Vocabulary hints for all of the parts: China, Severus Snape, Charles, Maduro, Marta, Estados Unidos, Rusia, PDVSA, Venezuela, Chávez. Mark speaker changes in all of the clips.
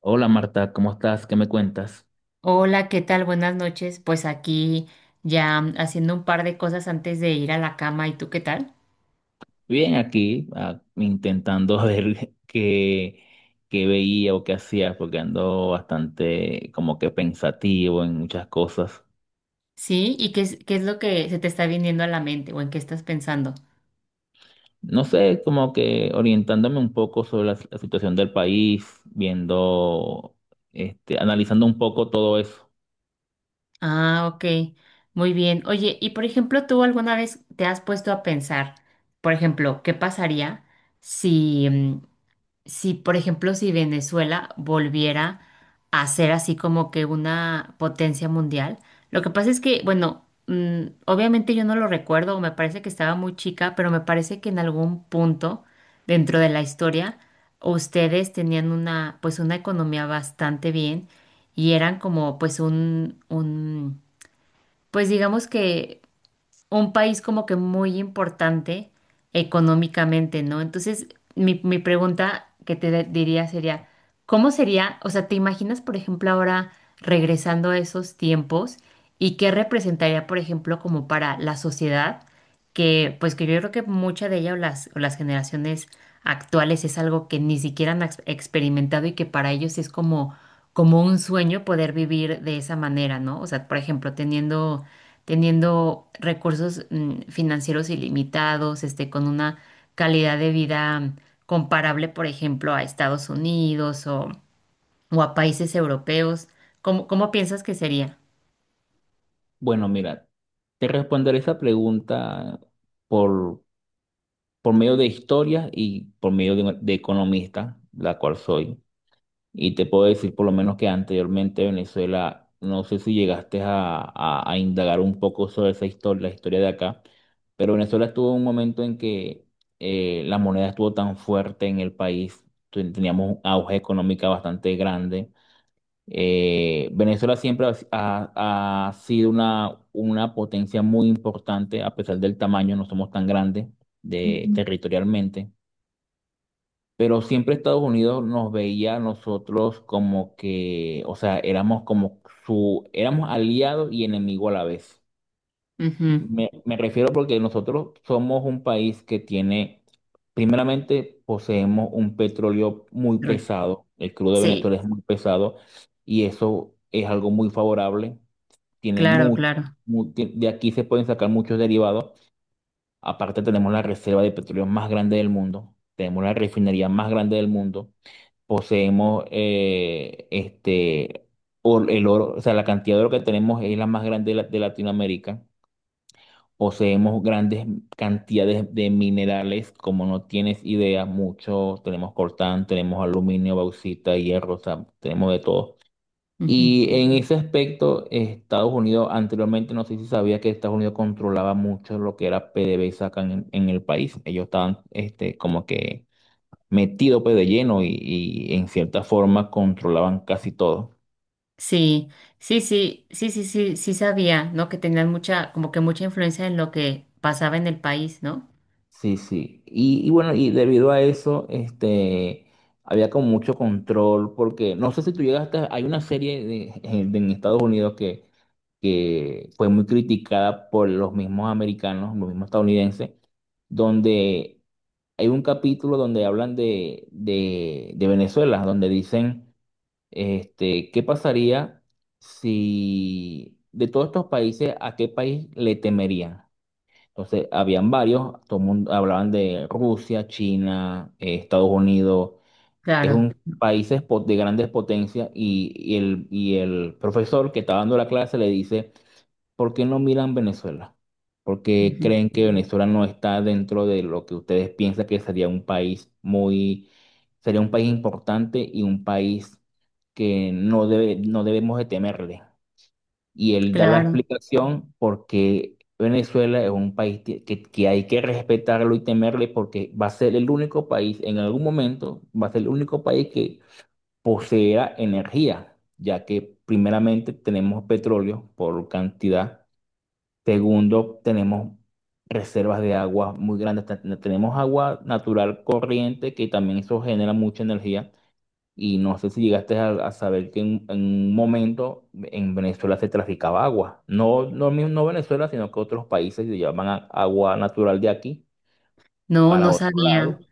Speaker 1: Hola Marta, ¿cómo estás? ¿Qué me cuentas?
Speaker 2: Hola, ¿qué tal? Buenas noches. Pues aquí ya haciendo un par de cosas antes de ir a la cama. ¿Y tú qué tal?
Speaker 1: Bien, aquí intentando ver qué veía o qué hacía, porque ando bastante como que pensativo en muchas cosas.
Speaker 2: Sí, ¿y qué es lo que se te está viniendo a la mente o en qué estás pensando?
Speaker 1: No sé, como que orientándome un poco sobre la situación del país, viendo, este, analizando un poco todo eso.
Speaker 2: Ah, ok. Muy bien. Oye, y por ejemplo, ¿tú alguna vez te has puesto a pensar, por ejemplo, qué pasaría si, si, por ejemplo, si Venezuela volviera a ser así como que una potencia mundial? Lo que pasa es que, bueno, obviamente yo no lo recuerdo, o me parece que estaba muy chica, pero me parece que en algún punto dentro de la historia ustedes tenían una, pues una economía bastante bien, y eran como pues pues digamos que un país como que muy importante económicamente, ¿no? Entonces, mi pregunta que diría sería, ¿cómo sería? O sea, te imaginas, por ejemplo, ahora regresando a esos tiempos, ¿y qué representaría, por ejemplo, como para la sociedad, que pues que yo creo que mucha de ella o o las generaciones actuales es algo que ni siquiera experimentado y que para ellos es como, como un sueño poder vivir de esa manera, ¿no? O sea, por ejemplo, teniendo recursos financieros ilimitados, este, con una calidad de vida comparable, por ejemplo, a Estados Unidos o a países europeos. ¿Cómo piensas que sería?
Speaker 1: Bueno, mira, te responderé esa pregunta por, por medio de historia y por medio de economista, la cual soy. Y te puedo decir por lo menos que anteriormente Venezuela, no sé si llegaste a indagar un poco sobre esa historia, la historia de acá, pero Venezuela estuvo en un momento en que la moneda estuvo tan fuerte en el país, teníamos un auge económica bastante grande. Venezuela siempre ha sido una potencia muy importante, a pesar del tamaño, no somos tan grandes de, ujú, territorialmente. Pero siempre Estados Unidos nos veía a nosotros como que, o sea, éramos como su, éramos aliados y enemigo a la vez.
Speaker 2: Ujú.
Speaker 1: Me refiero porque nosotros somos un país que tiene, primeramente, poseemos un petróleo muy
Speaker 2: Rol.
Speaker 1: pesado, el crudo de
Speaker 2: Sí,
Speaker 1: Venezuela es muy pesado y eso es algo muy favorable, tiene
Speaker 2: claro,
Speaker 1: mucho,
Speaker 2: claro.
Speaker 1: de aquí se pueden sacar muchos derivados, aparte tenemos la reserva de petróleo más grande del mundo, tenemos la refinería más grande del mundo, poseemos este, el oro, o sea, la cantidad de oro que tenemos es la más grande de Latinoamérica. Poseemos grandes cantidades de minerales, como no tienes idea, mucho. Tenemos coltán, tenemos aluminio, bauxita, hierro, o sea, tenemos de todo.
Speaker 2: Ujú.
Speaker 1: Y en ese aspecto, Estados Unidos anteriormente, no sé si sabía que Estados Unidos controlaba mucho lo que era PDVSA acá en el país. Ellos estaban este, como que metido pues de lleno y en cierta forma controlaban casi todo.
Speaker 2: Sí, sí, sí, sí, sí, sí, sí sabía, ¿no? Que tenían mucha, como que mucha influencia en lo que pasaba en el país, ¿no?
Speaker 1: Sí, sí. Y bueno, y debido a eso, este, había como mucho control porque no sé si tú llegaste, a-, hay una serie de, en Estados Unidos que fue muy criticada por los mismos americanos, los mismos estadounidenses, donde hay un capítulo donde hablan de Venezuela, donde dicen: Este, ¿qué pasaría si de todos estos países, a qué país le temerían? Entonces, habían varios, todo el mundo hablaban de Rusia, China, Estados Unidos, es
Speaker 2: Claro,
Speaker 1: un país de grandes potencias y el profesor que está dando la clase le dice: ¿Por qué no miran Venezuela? Porque
Speaker 2: Ujú,
Speaker 1: creen que Venezuela no está dentro de lo que ustedes piensan que sería un país muy, sería un país importante y un país que no debe, no debemos de temerle. Y él da la
Speaker 2: claro.
Speaker 1: explicación porque Venezuela es un país que hay que respetarlo y temerle porque va a ser el único país, en algún momento, va a ser el único país que posea energía, ya que primeramente tenemos petróleo por cantidad. Segundo, tenemos reservas de agua muy grandes. Tenemos agua natural corriente que también eso genera mucha energía. Y no sé si llegaste a saber que en un momento en Venezuela se traficaba agua. No, no, no Venezuela, sino que otros países se llaman agua natural de aquí,
Speaker 2: No, no
Speaker 1: por lado.
Speaker 2: sabía.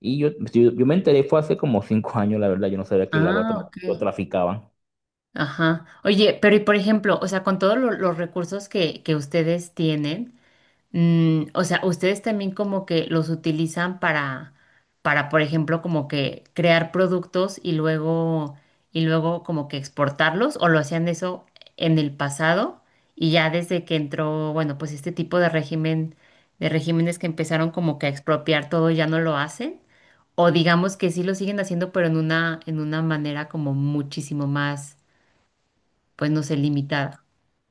Speaker 1: Y yo me enteré, fue hace como 5 años, la verdad, yo no sabía que el agua
Speaker 2: Ah,
Speaker 1: también
Speaker 2: ok.
Speaker 1: lo traficaban.
Speaker 2: Ajá. Oye, pero y por ejemplo, o sea, con todos los recursos que ustedes tienen, o sea, ustedes también como que los utilizan para, por ejemplo, como que crear productos y luego como que exportarlos, o lo hacían eso en el pasado, y ya desde que entró, bueno, pues este tipo de régimen, de regímenes que empezaron como que a expropiar todo, ya no lo hacen. O digamos que sí lo siguen haciendo, pero en una manera como muchísimo más, pues no sé, limitado.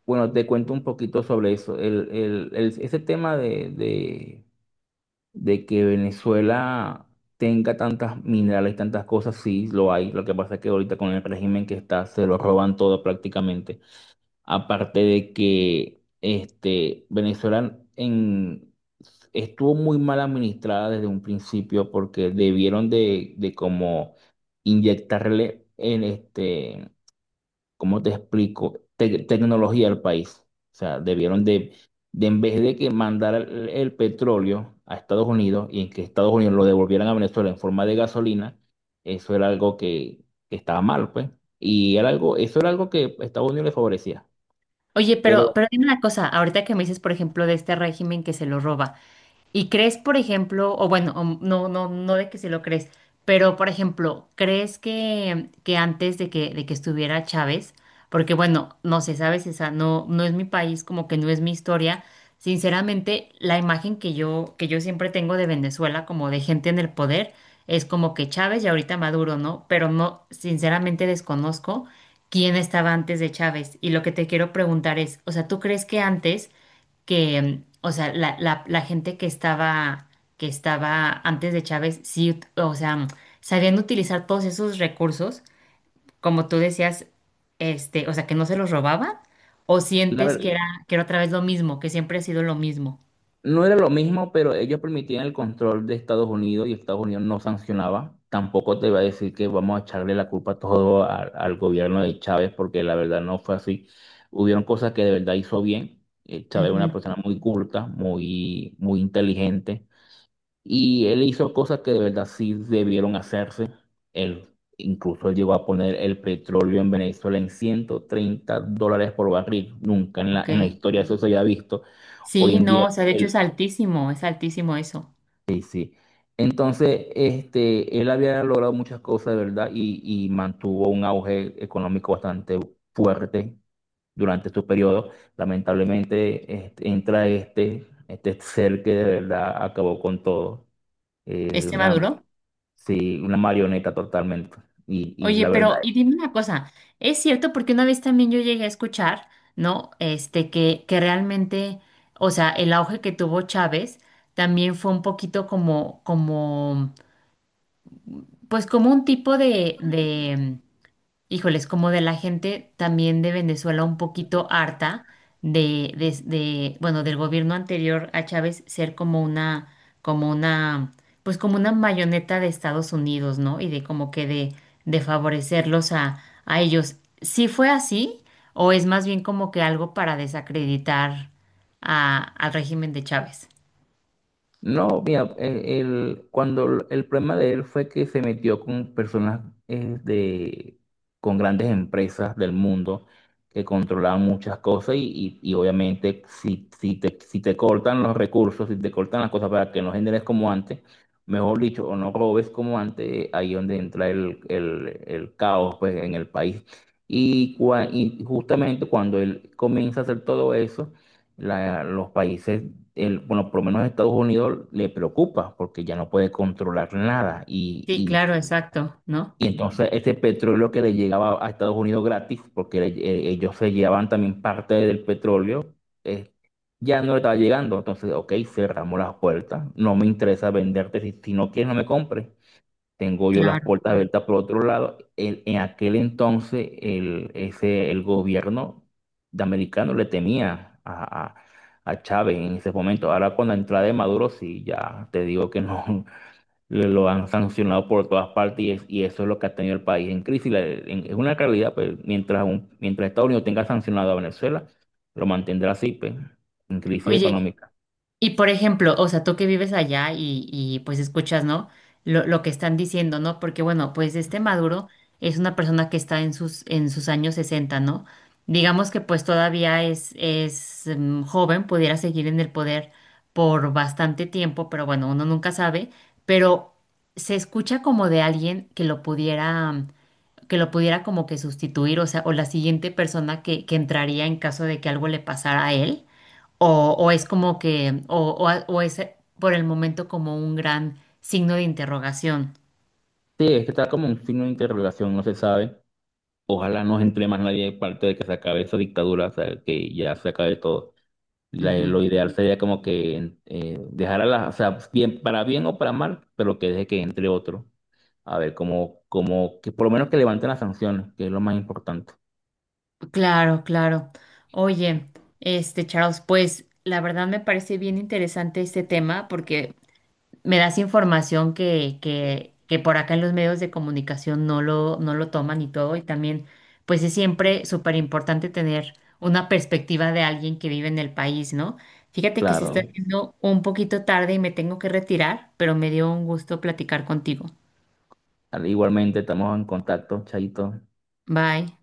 Speaker 1: Bueno, te cuento un poquito sobre eso. Ese tema de que Venezuela tenga tantas minerales, tantas cosas, sí, lo hay. Lo que pasa es que ahorita con el régimen que está, se lo roban todo prácticamente. Aparte de que este, estuvo muy mal administrada desde un principio porque debieron de como inyectarle en este, ¿cómo te explico? Tecnología al país. O sea, debieron de en vez de que mandara el petróleo a Estados Unidos y en que Estados Unidos lo devolvieran a Venezuela en forma de gasolina, eso era algo que estaba mal, pues. Y era algo, eso era algo que Estados Unidos le favorecía.
Speaker 2: Oye,
Speaker 1: Pero
Speaker 2: pero dime una cosa, ahorita que me dices, por ejemplo, de este régimen que se lo roba. ¿Y crees, por ejemplo, o bueno, o no, no, no de que se lo crees, pero por ejemplo, ¿crees que antes de que estuviera Chávez? Porque bueno, no sé, sabes, esa no, no es mi país, como que no es mi historia. Sinceramente, la imagen que que yo siempre tengo de Venezuela, como de gente en el poder, es como que Chávez y ahorita Maduro, ¿no? Pero no, sinceramente desconozco quién estaba antes de Chávez. Y lo que te quiero preguntar es, o sea, ¿tú crees que antes que, o sea, la gente que estaba antes de Chávez, sí, o sea, sabían utilizar todos esos recursos, como tú decías, este, o sea, que no se los robaban, o
Speaker 1: la,
Speaker 2: sientes
Speaker 1: ver-.
Speaker 2: que era otra vez lo mismo, que siempre ha sido lo mismo?
Speaker 1: No era lo mismo, pero ellos permitían el control de Estados Unidos y Estados Unidos no sancionaba. Tampoco te iba a decir que vamos a echarle la culpa todo al gobierno de Chávez, porque la verdad no fue así. Hubieron cosas que de verdad hizo bien. Chávez era una
Speaker 2: Ujú.
Speaker 1: persona muy culta, muy, muy inteligente, y él hizo cosas que de verdad sí debieron hacerse. Él incluso llegó a poner el petróleo en Venezuela en $130 por barril. Nunca en
Speaker 2: Ok.
Speaker 1: en la historia eso se había visto. Hoy
Speaker 2: Sí,
Speaker 1: en día
Speaker 2: no, o sea, de hecho
Speaker 1: el,
Speaker 2: es altísimo eso.
Speaker 1: sí, sí. Entonces, este, él había logrado muchas cosas, de ¿verdad? Y mantuvo un auge económico bastante fuerte durante su periodo. Lamentablemente, este, entra este, este ser que de verdad acabó con todo.
Speaker 2: ¿Este
Speaker 1: Una,
Speaker 2: maduro?
Speaker 1: sí, una marioneta totalmente. Y
Speaker 2: Oye,
Speaker 1: la verdad.
Speaker 2: pero y dime una cosa, es cierto porque una vez también yo llegué a escuchar, ¿no? Este, que realmente, o sea, el auge que tuvo Chávez también fue un poquito como, como, pues como un tipo de híjoles, como de la gente también de Venezuela un poquito harta de, bueno, del gobierno anterior a Chávez ser como una, pues como una marioneta de Estados Unidos, ¿no? Y de como que de favorecerlos a ellos. ¿Sí fue así? ¿O es más bien como que algo para desacreditar a, al régimen de Chávez?
Speaker 1: No, mira, cuando el problema de él fue que se metió con personas eh, de, con grandes empresas del mundo que controlaban muchas cosas y, y obviamente si te, si te cortan los recursos, si te cortan las cosas para que no generes como antes, mejor dicho, o no robes como antes, ahí es donde entra el caos pues, en el país. Y, y justamente cuando él comienza a hacer todo eso, los países bueno, por lo menos a Estados Unidos le preocupa porque ya no puede controlar nada y,
Speaker 2: Sí, claro, exacto, ¿no?
Speaker 1: y entonces ese petróleo que le llegaba a Estados Unidos gratis, porque ellos se llevaban también parte del petróleo, eh, ya no le estaba llegando. Entonces, ok, cerramos las puertas, no me interesa venderte si, si no quieres no me compres, tengo yo las
Speaker 2: Claro.
Speaker 1: puertas abiertas por otro lado. En aquel entonces, el, ese, el gobierno de americano le temía a Chávez en ese momento. Ahora con la entrada de Maduro, sí, ya te digo que no, lo han sancionado por todas partes y, y eso es lo que ha tenido el país en crisis. Es una realidad, pues, mientras, mientras Estados Unidos tenga sancionado a Venezuela, lo mantendrá así, pues, en crisis
Speaker 2: Oye,
Speaker 1: económica.
Speaker 2: y por ejemplo, o sea, tú que vives allá y, pues escuchas, ¿no? Lo que están diciendo, ¿no? Porque bueno, pues este Maduro es una persona que está en sus años 60, ¿no? Digamos que pues todavía es joven, pudiera seguir en el poder por bastante tiempo, pero bueno, uno nunca sabe, pero se escucha como de alguien que lo pudiera, que lo pudiera como que sustituir, o sea, o la siguiente persona que entraría en caso de que algo le pasara a él. O es como que, o o es por el momento como un gran signo de interrogación.
Speaker 1: Sí, es que está como un signo de interrogación, no se sabe. Ojalá no entre más nadie parte de que se acabe esa dictadura, o sea, que ya se acabe todo.
Speaker 2: Ujú.
Speaker 1: Lo ideal sería como que dejar a las, o sea, bien, para bien o para mal, pero que deje que entre otro. A ver, como, como que por lo menos que levanten las sanciones, que es lo más importante.
Speaker 2: Claro, claro. Oye, este Charles, pues la verdad me parece bien interesante este tema porque me das información que por acá en los medios de comunicación no lo, no lo toman y todo. Y también, pues es siempre súper importante tener una perspectiva de alguien que vive en el país, ¿no? Fíjate que se está
Speaker 1: Claro,
Speaker 2: haciendo un poquito tarde y me tengo que retirar, pero me dio un gusto platicar contigo.
Speaker 1: igualmente estamos en contacto, Chaito.
Speaker 2: Bye.